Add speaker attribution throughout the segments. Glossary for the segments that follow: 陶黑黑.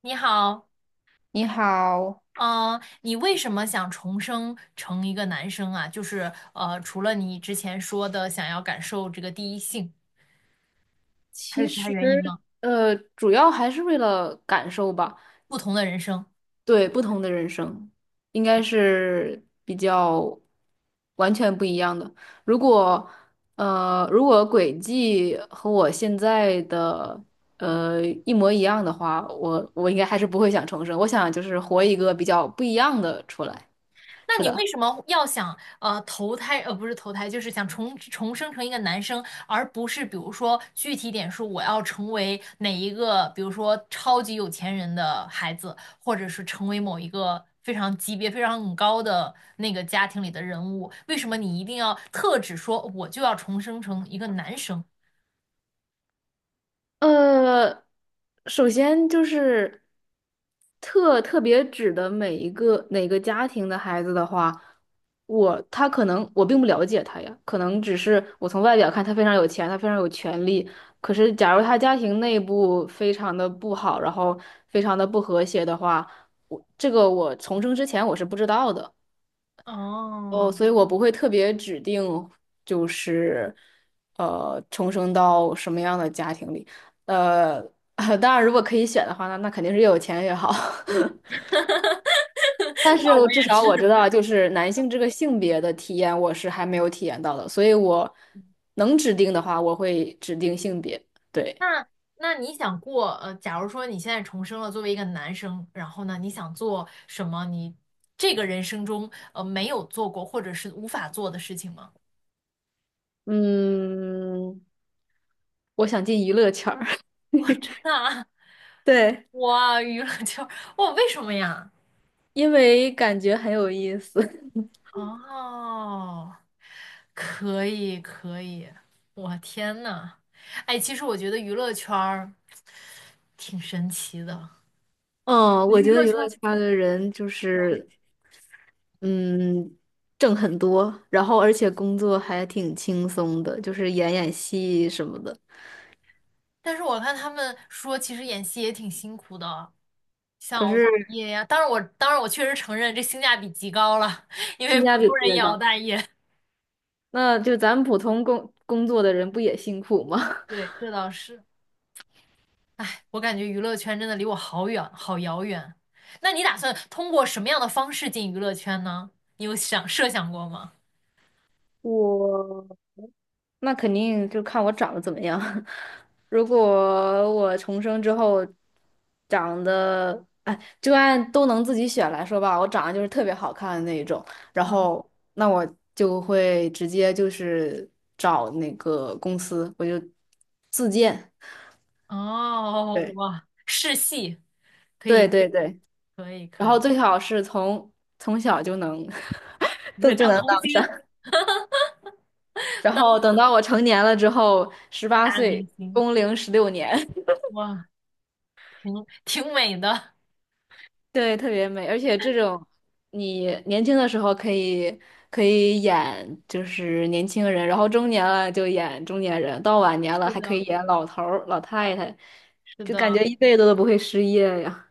Speaker 1: 你好。
Speaker 2: 你好，
Speaker 1: 嗯、你为什么想重生成一个男生啊？就是除了你之前说的想要感受这个第一性，还有
Speaker 2: 其
Speaker 1: 其他
Speaker 2: 实
Speaker 1: 原因吗？
Speaker 2: 主要还是为了感受吧。
Speaker 1: 不同的人生。
Speaker 2: 对，不同的人生应该是比较完全不一样的。如果如果轨迹和我现在的一模一样的话，我应该还是不会想重生。我想就是活一个比较不一样的出来。
Speaker 1: 那
Speaker 2: 是
Speaker 1: 你
Speaker 2: 的。
Speaker 1: 为什么要想投胎不是投胎，就是想重生成一个男生，而不是比如说具体点说我要成为哪一个，比如说超级有钱人的孩子，或者是成为某一个非常级别非常很高的那个家庭里的人物？为什么你一定要特指说我就要重生成一个男生？
Speaker 2: 呃，首先就是特别指的每一个哪个家庭的孩子的话，我可能并不了解他呀，可能只是我从外表看他非常有钱，他非常有权利。可是假如他家庭内部非常的不好，然后非常的不和谐的话，我这个我重生之前我是不知道的。哦，
Speaker 1: 哦。
Speaker 2: 所以我不会特别指定，就是重生到什么样的家庭里。呃，当然，如果可以选的话，那肯定是越有钱越好。但
Speaker 1: 啊，
Speaker 2: 是
Speaker 1: 我
Speaker 2: 我至
Speaker 1: 也
Speaker 2: 少我知
Speaker 1: 是。
Speaker 2: 道，就是男性这个性别的体验，我是还没有体验到的。所以我能指定的话，我会指定性别。对，
Speaker 1: 那那你想过，假如说你现在重生了，作为一个男生，然后呢，你想做什么？你这个人生中，没有做过或者是无法做的事情吗？
Speaker 2: 嗯，我想进娱乐圈儿，
Speaker 1: 我真的啊！
Speaker 2: 对，
Speaker 1: 哇，娱乐圈儿。哇，为什么呀？
Speaker 2: 因为感觉很有意思。
Speaker 1: 哦，可以可以。我天呐。哎，其实我觉得娱乐圈儿挺神奇的。
Speaker 2: 嗯，
Speaker 1: 我觉
Speaker 2: 我
Speaker 1: 得娱
Speaker 2: 觉得
Speaker 1: 乐
Speaker 2: 娱
Speaker 1: 圈
Speaker 2: 乐
Speaker 1: 儿，
Speaker 2: 圈儿的人就
Speaker 1: 嗯
Speaker 2: 是嗯，挣很多，然后而且工作还挺轻松的，就是演演戏什么的。
Speaker 1: 但是我看他们说，其实演戏也挺辛苦的。像
Speaker 2: 可
Speaker 1: 熬大
Speaker 2: 是
Speaker 1: 夜呀、当然我确实承认这性价比极高了，因为
Speaker 2: 性价
Speaker 1: 普
Speaker 2: 比
Speaker 1: 通
Speaker 2: 特
Speaker 1: 人
Speaker 2: 别
Speaker 1: 也熬
Speaker 2: 高。
Speaker 1: 大夜。
Speaker 2: 那就咱们普通工作的人不也辛苦吗？
Speaker 1: 对，这倒是。我感觉娱乐圈真的离我好远，好遥远。那你打算通过什么样的方式进娱乐圈呢？你有设想过吗？
Speaker 2: 我那肯定就看我长得怎么样。如果我重生之后长得，哎，就按都能自己选来说吧，我长得就是特别好看的那一种，然
Speaker 1: 嗯。
Speaker 2: 后那我就会直接就是找那个公司，我就自荐。
Speaker 1: 哦，
Speaker 2: 对
Speaker 1: 哇，试戏可
Speaker 2: 对
Speaker 1: 以，
Speaker 2: 对对，
Speaker 1: 可以，
Speaker 2: 然
Speaker 1: 可
Speaker 2: 后
Speaker 1: 以。
Speaker 2: 最好是从从小就能
Speaker 1: 你
Speaker 2: 都
Speaker 1: 会
Speaker 2: 就
Speaker 1: 当
Speaker 2: 能
Speaker 1: 童
Speaker 2: 当上，
Speaker 1: 星，
Speaker 2: 然后
Speaker 1: 当
Speaker 2: 等到我成年了之后，十八
Speaker 1: 大明
Speaker 2: 岁
Speaker 1: 星。
Speaker 2: 工龄16年。
Speaker 1: 哇，挺美的。
Speaker 2: 对，特别美，而且这种你年轻的时候可以演就是年轻人，然后中年了就演中年人，到晚年了
Speaker 1: 是
Speaker 2: 还可以
Speaker 1: 的，
Speaker 2: 演老头儿、老太太，
Speaker 1: 是
Speaker 2: 就
Speaker 1: 的。
Speaker 2: 感觉一辈子都不会失业呀。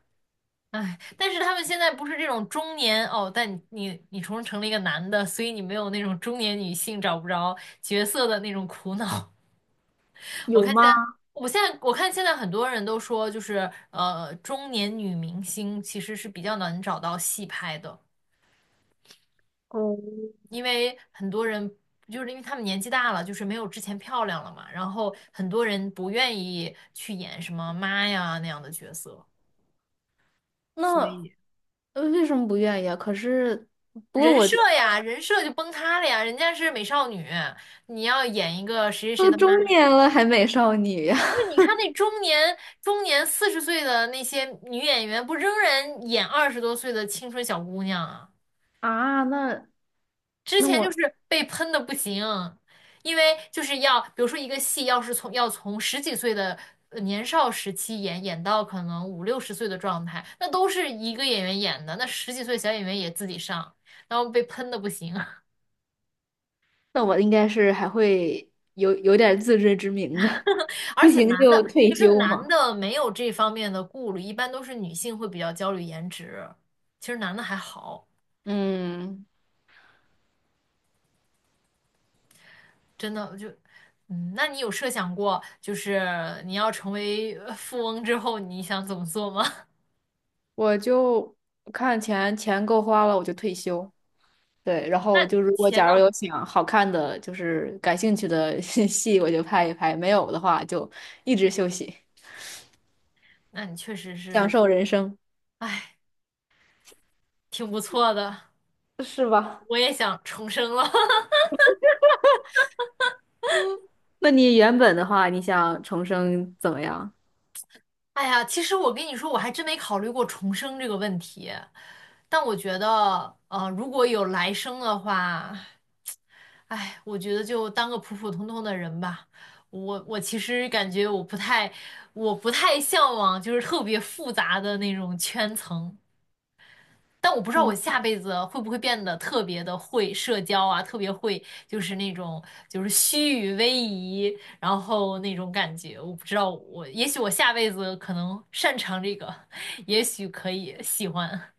Speaker 1: 哎，但是他们现在不是这种中年哦，但你重成了一个男的，所以你没有那种中年女性找不着角色的那种苦恼。我
Speaker 2: 有
Speaker 1: 看现
Speaker 2: 吗？
Speaker 1: 在，我现在我看现在很多人都说，就是中年女明星其实是比较难找到戏拍的，
Speaker 2: 哦，
Speaker 1: 因为很多人就是因为他们年纪大了，就是没有之前漂亮了嘛，然后很多人不愿意去演什么妈呀那样的角色。所
Speaker 2: 那
Speaker 1: 以。
Speaker 2: 为什么不愿意啊？可是，不过
Speaker 1: 人
Speaker 2: 我
Speaker 1: 设
Speaker 2: 觉得
Speaker 1: 呀，人设就崩塌了呀！人家是美少女，你要演一个谁谁谁
Speaker 2: 都
Speaker 1: 的妈，
Speaker 2: 中年了还美少女呀。
Speaker 1: 不是你 看那中年40岁的那些女演员，不仍然演20多岁的青春小姑娘啊？
Speaker 2: 啊，那
Speaker 1: 之
Speaker 2: 那
Speaker 1: 前就
Speaker 2: 我
Speaker 1: 是被喷的不行，因为就是要，比如说一个戏要是从十几岁的年少时期演到可能五六十岁的状态，那都是一个演员演的，那十几岁小演员也自己上，然后被喷的不行。
Speaker 2: 那我应该是还会有点自知之明的，
Speaker 1: 而
Speaker 2: 不
Speaker 1: 且
Speaker 2: 行
Speaker 1: 男
Speaker 2: 就
Speaker 1: 的，其
Speaker 2: 退
Speaker 1: 实
Speaker 2: 休
Speaker 1: 男
Speaker 2: 嘛。
Speaker 1: 的没有这方面的顾虑，一般都是女性会比较焦虑颜值。其实男的还好，
Speaker 2: 嗯。
Speaker 1: 真的我就，嗯，那你有设想过，就是你要成为富翁之后，你想怎么做吗？
Speaker 2: 我就看钱够花了，我就退休。对，然 后
Speaker 1: 那
Speaker 2: 就如果
Speaker 1: 钱
Speaker 2: 假如
Speaker 1: 呢？
Speaker 2: 有想好看的，就是感兴趣的 戏，我就拍一拍；没有的话，就一直休息，
Speaker 1: 那你确实
Speaker 2: 享
Speaker 1: 是，
Speaker 2: 受人生，
Speaker 1: 哎，挺不错的。
Speaker 2: 是吧？
Speaker 1: 我也想重生了。
Speaker 2: 那你原本的话，你想重生怎么样？
Speaker 1: 哎呀，其实我跟你说，我还真没考虑过重生这个问题，但我觉得，如果有来生的话。哎，我觉得就当个普普通通的人吧。我其实感觉我不太，我不太向往就是特别复杂的那种圈层。但我不知道我下辈子会不会变得特别的会社交啊，特别会就是那种就是虚与委蛇，然后那种感觉。我不知道我，也许我下辈子可能擅长这个，也许可以喜欢。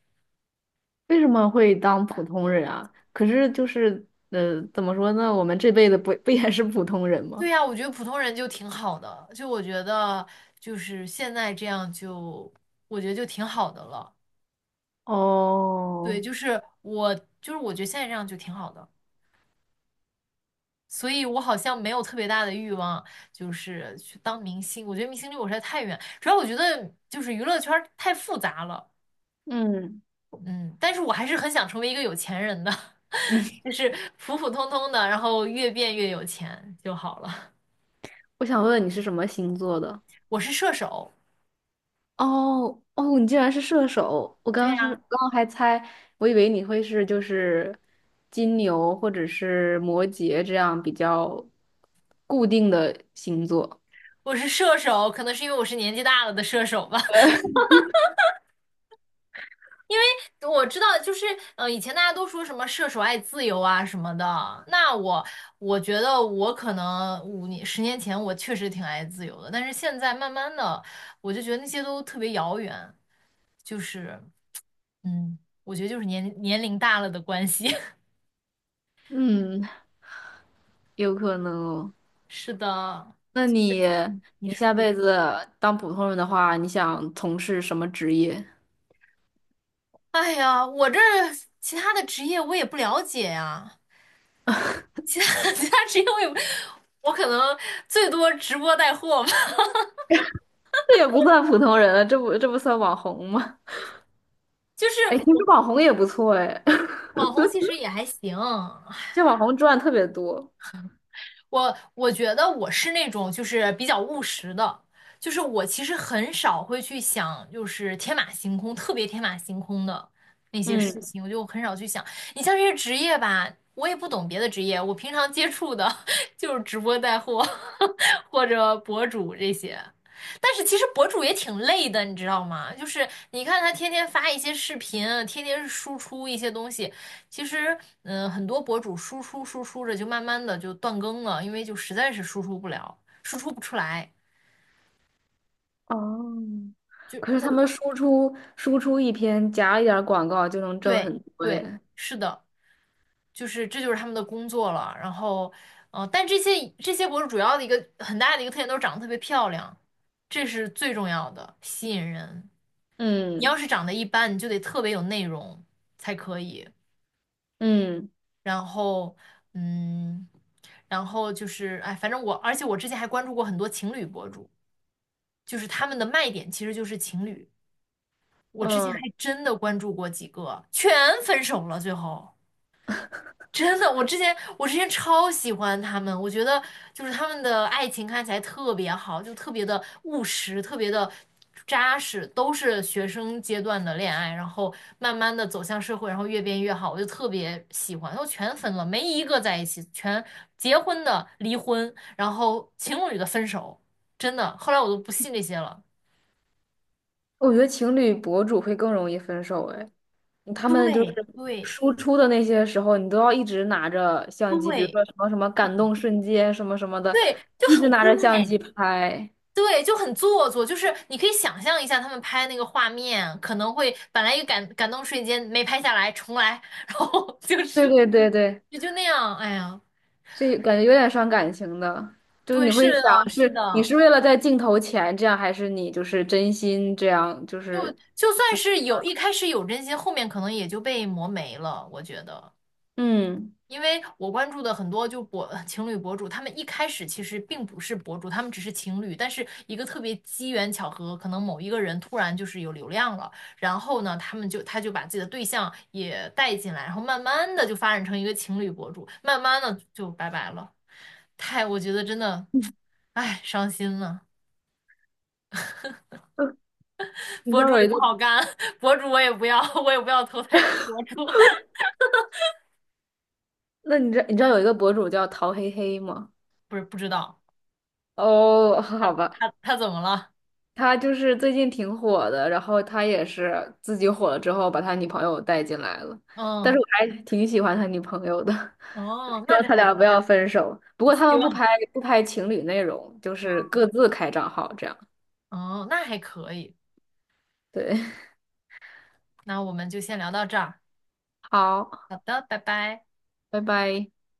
Speaker 2: 为什么会当普通人啊？可是就是，怎么说呢？我们这辈子不 不也是普通人
Speaker 1: 对
Speaker 2: 吗？
Speaker 1: 呀，我觉得普通人就挺好的，就我觉得就是现在这样就，我觉得就挺好的了。对，
Speaker 2: 哦，
Speaker 1: 就是我，就是我觉得现在这样就挺好的，所以我好像没有特别大的欲望，就是去当明星。我觉得明星离我实在太远，主要我觉得就是娱乐圈儿太复杂了，
Speaker 2: 嗯，
Speaker 1: 嗯，但是我还是很想成为一个有钱人的，就是普普通通的，然后越变越有钱就好了。
Speaker 2: 我想问问你是什么星座的？
Speaker 1: 我是射手，
Speaker 2: 哦哦，你竟然是射手！我刚
Speaker 1: 对
Speaker 2: 刚是
Speaker 1: 呀。
Speaker 2: 刚刚还猜，我以为你会是就是金牛或者是摩羯这样比较固定的星座。
Speaker 1: 我是射手，可能是因为我是年纪大了的射手吧。我知道，就是以前大家都说什么射手爱自由啊什么的，那我觉得我可能5年、10年前我确实挺爱自由的，但是现在慢慢的，我就觉得那些都特别遥远，就是嗯，我觉得就是年龄大了的关系。
Speaker 2: 嗯，有可能哦
Speaker 1: 是的。
Speaker 2: 那你
Speaker 1: 嗯，你
Speaker 2: 你
Speaker 1: 说。
Speaker 2: 下辈子当普通人的话，你想从事什么职业？
Speaker 1: 哎呀，其他的职业我也不了解呀。其他 其他是因为我可能最多直播带货吧。
Speaker 2: 这也不算普通人了，这不算网红吗？
Speaker 1: 就是
Speaker 2: 哎，其实网红也不错哎，
Speaker 1: 网红其实也还行。
Speaker 2: 这网红赚特别多。
Speaker 1: 我觉得我是那种就是比较务实的，就是我其实很少会去想就是天马行空，特别天马行空的那些事
Speaker 2: 嗯。
Speaker 1: 情，我就很少去想。你像这些职业吧，我也不懂别的职业，我平常接触的 就是直播带货 或者博主这些。但是其实博主也挺累的，你知道吗？就是你看他天天发一些视频，天天输出一些东西，其实，很多博主输出着就慢慢的就断更了，因为就实在是输出不了，输出不出来，
Speaker 2: 哦，
Speaker 1: 就
Speaker 2: 可是他
Speaker 1: 或
Speaker 2: 们输出输出一篇夹一点儿广告就能挣
Speaker 1: 对
Speaker 2: 很多
Speaker 1: 对，
Speaker 2: 耶。
Speaker 1: 是的，就是这就是他们的工作了。然后，但这些博主主要的一个很大的一个特点都是长得特别漂亮，这是最重要的，吸引人。你
Speaker 2: 嗯
Speaker 1: 要是长得一般，你就得特别有内容才可以。
Speaker 2: 嗯
Speaker 1: 然后，嗯，然后就是，哎，反正我，而且我之前还关注过很多情侣博主。就是他们的卖点其实就是情侣。我之前还
Speaker 2: 嗯，
Speaker 1: 真的关注过几个，全分手了，最后真的，我之前超喜欢他们，我觉得就是他们的爱情看起来特别好，就特别的务实，特别的扎实，都是学生阶段的恋爱，然后慢慢的走向社会，然后越变越好，我就特别喜欢，都全分了，没一个在一起，全结婚的离婚，然后情侣的分手，真的，后来我都不信这些了。
Speaker 2: 我觉得情侣博主会更容易分手哎，嗯他们就是
Speaker 1: 对对
Speaker 2: 输出的那些时候，你都要一直拿着相机，比如
Speaker 1: 对，
Speaker 2: 说什么什么
Speaker 1: 是
Speaker 2: 感
Speaker 1: 的，
Speaker 2: 动瞬间什么什么的，
Speaker 1: 对，就
Speaker 2: 一直
Speaker 1: 很
Speaker 2: 拿
Speaker 1: 怪，
Speaker 2: 着相机拍。
Speaker 1: 对，就很做作。就是你可以想象一下，他们拍那个画面，可能会本来一个感动瞬间没拍下来，重来，然后 就
Speaker 2: 对
Speaker 1: 是
Speaker 2: 对对对。
Speaker 1: 也就那样。哎呀，
Speaker 2: 这感觉有点伤感情的，就是
Speaker 1: 对，
Speaker 2: 你
Speaker 1: 是
Speaker 2: 会想
Speaker 1: 的，是
Speaker 2: 是你
Speaker 1: 的，
Speaker 2: 是为了在镜头前这样，还是你就是真心这样？就
Speaker 1: 就
Speaker 2: 是
Speaker 1: 就算是有一开始有真心，后面可能也就被磨没了，我觉得。
Speaker 2: 嗯，
Speaker 1: 因为我关注的很多就博 情侣博主，他们一开始其实并不是博主，他们只是情侣，但是一个特别机缘巧合，可能某一个人突然就是有流量了，然后呢，他就把自己的对象也带进来，然后慢慢的就发展成一个情侣博主，慢慢的就拜拜了，太，我觉得真的，唉，伤心了，
Speaker 2: 你知
Speaker 1: 博
Speaker 2: 道
Speaker 1: 主
Speaker 2: 有
Speaker 1: 也
Speaker 2: 一个，
Speaker 1: 不好干。博主我也不要，我也不要投胎成博主。
Speaker 2: 那你知道有一个博主叫陶黑黑吗？
Speaker 1: 不是不知道
Speaker 2: 哦，
Speaker 1: 他
Speaker 2: 好吧，
Speaker 1: 他怎么了？
Speaker 2: 他就是最近挺火的，然后他也是自己火了之后把他女朋友带进来了，但是
Speaker 1: 嗯。
Speaker 2: 我还挺喜欢他女朋友的，我
Speaker 1: 哦，
Speaker 2: 希
Speaker 1: 那
Speaker 2: 望
Speaker 1: 这
Speaker 2: 他
Speaker 1: 还
Speaker 2: 俩不要分手。不过他
Speaker 1: 希
Speaker 2: 们不
Speaker 1: 望。
Speaker 2: 拍不拍情侣内容，就是各自开账号这样。
Speaker 1: 哦，那还可以。
Speaker 2: 对，
Speaker 1: 那我们就先聊到这儿。
Speaker 2: 好。
Speaker 1: 好的，拜拜。
Speaker 2: 拜拜。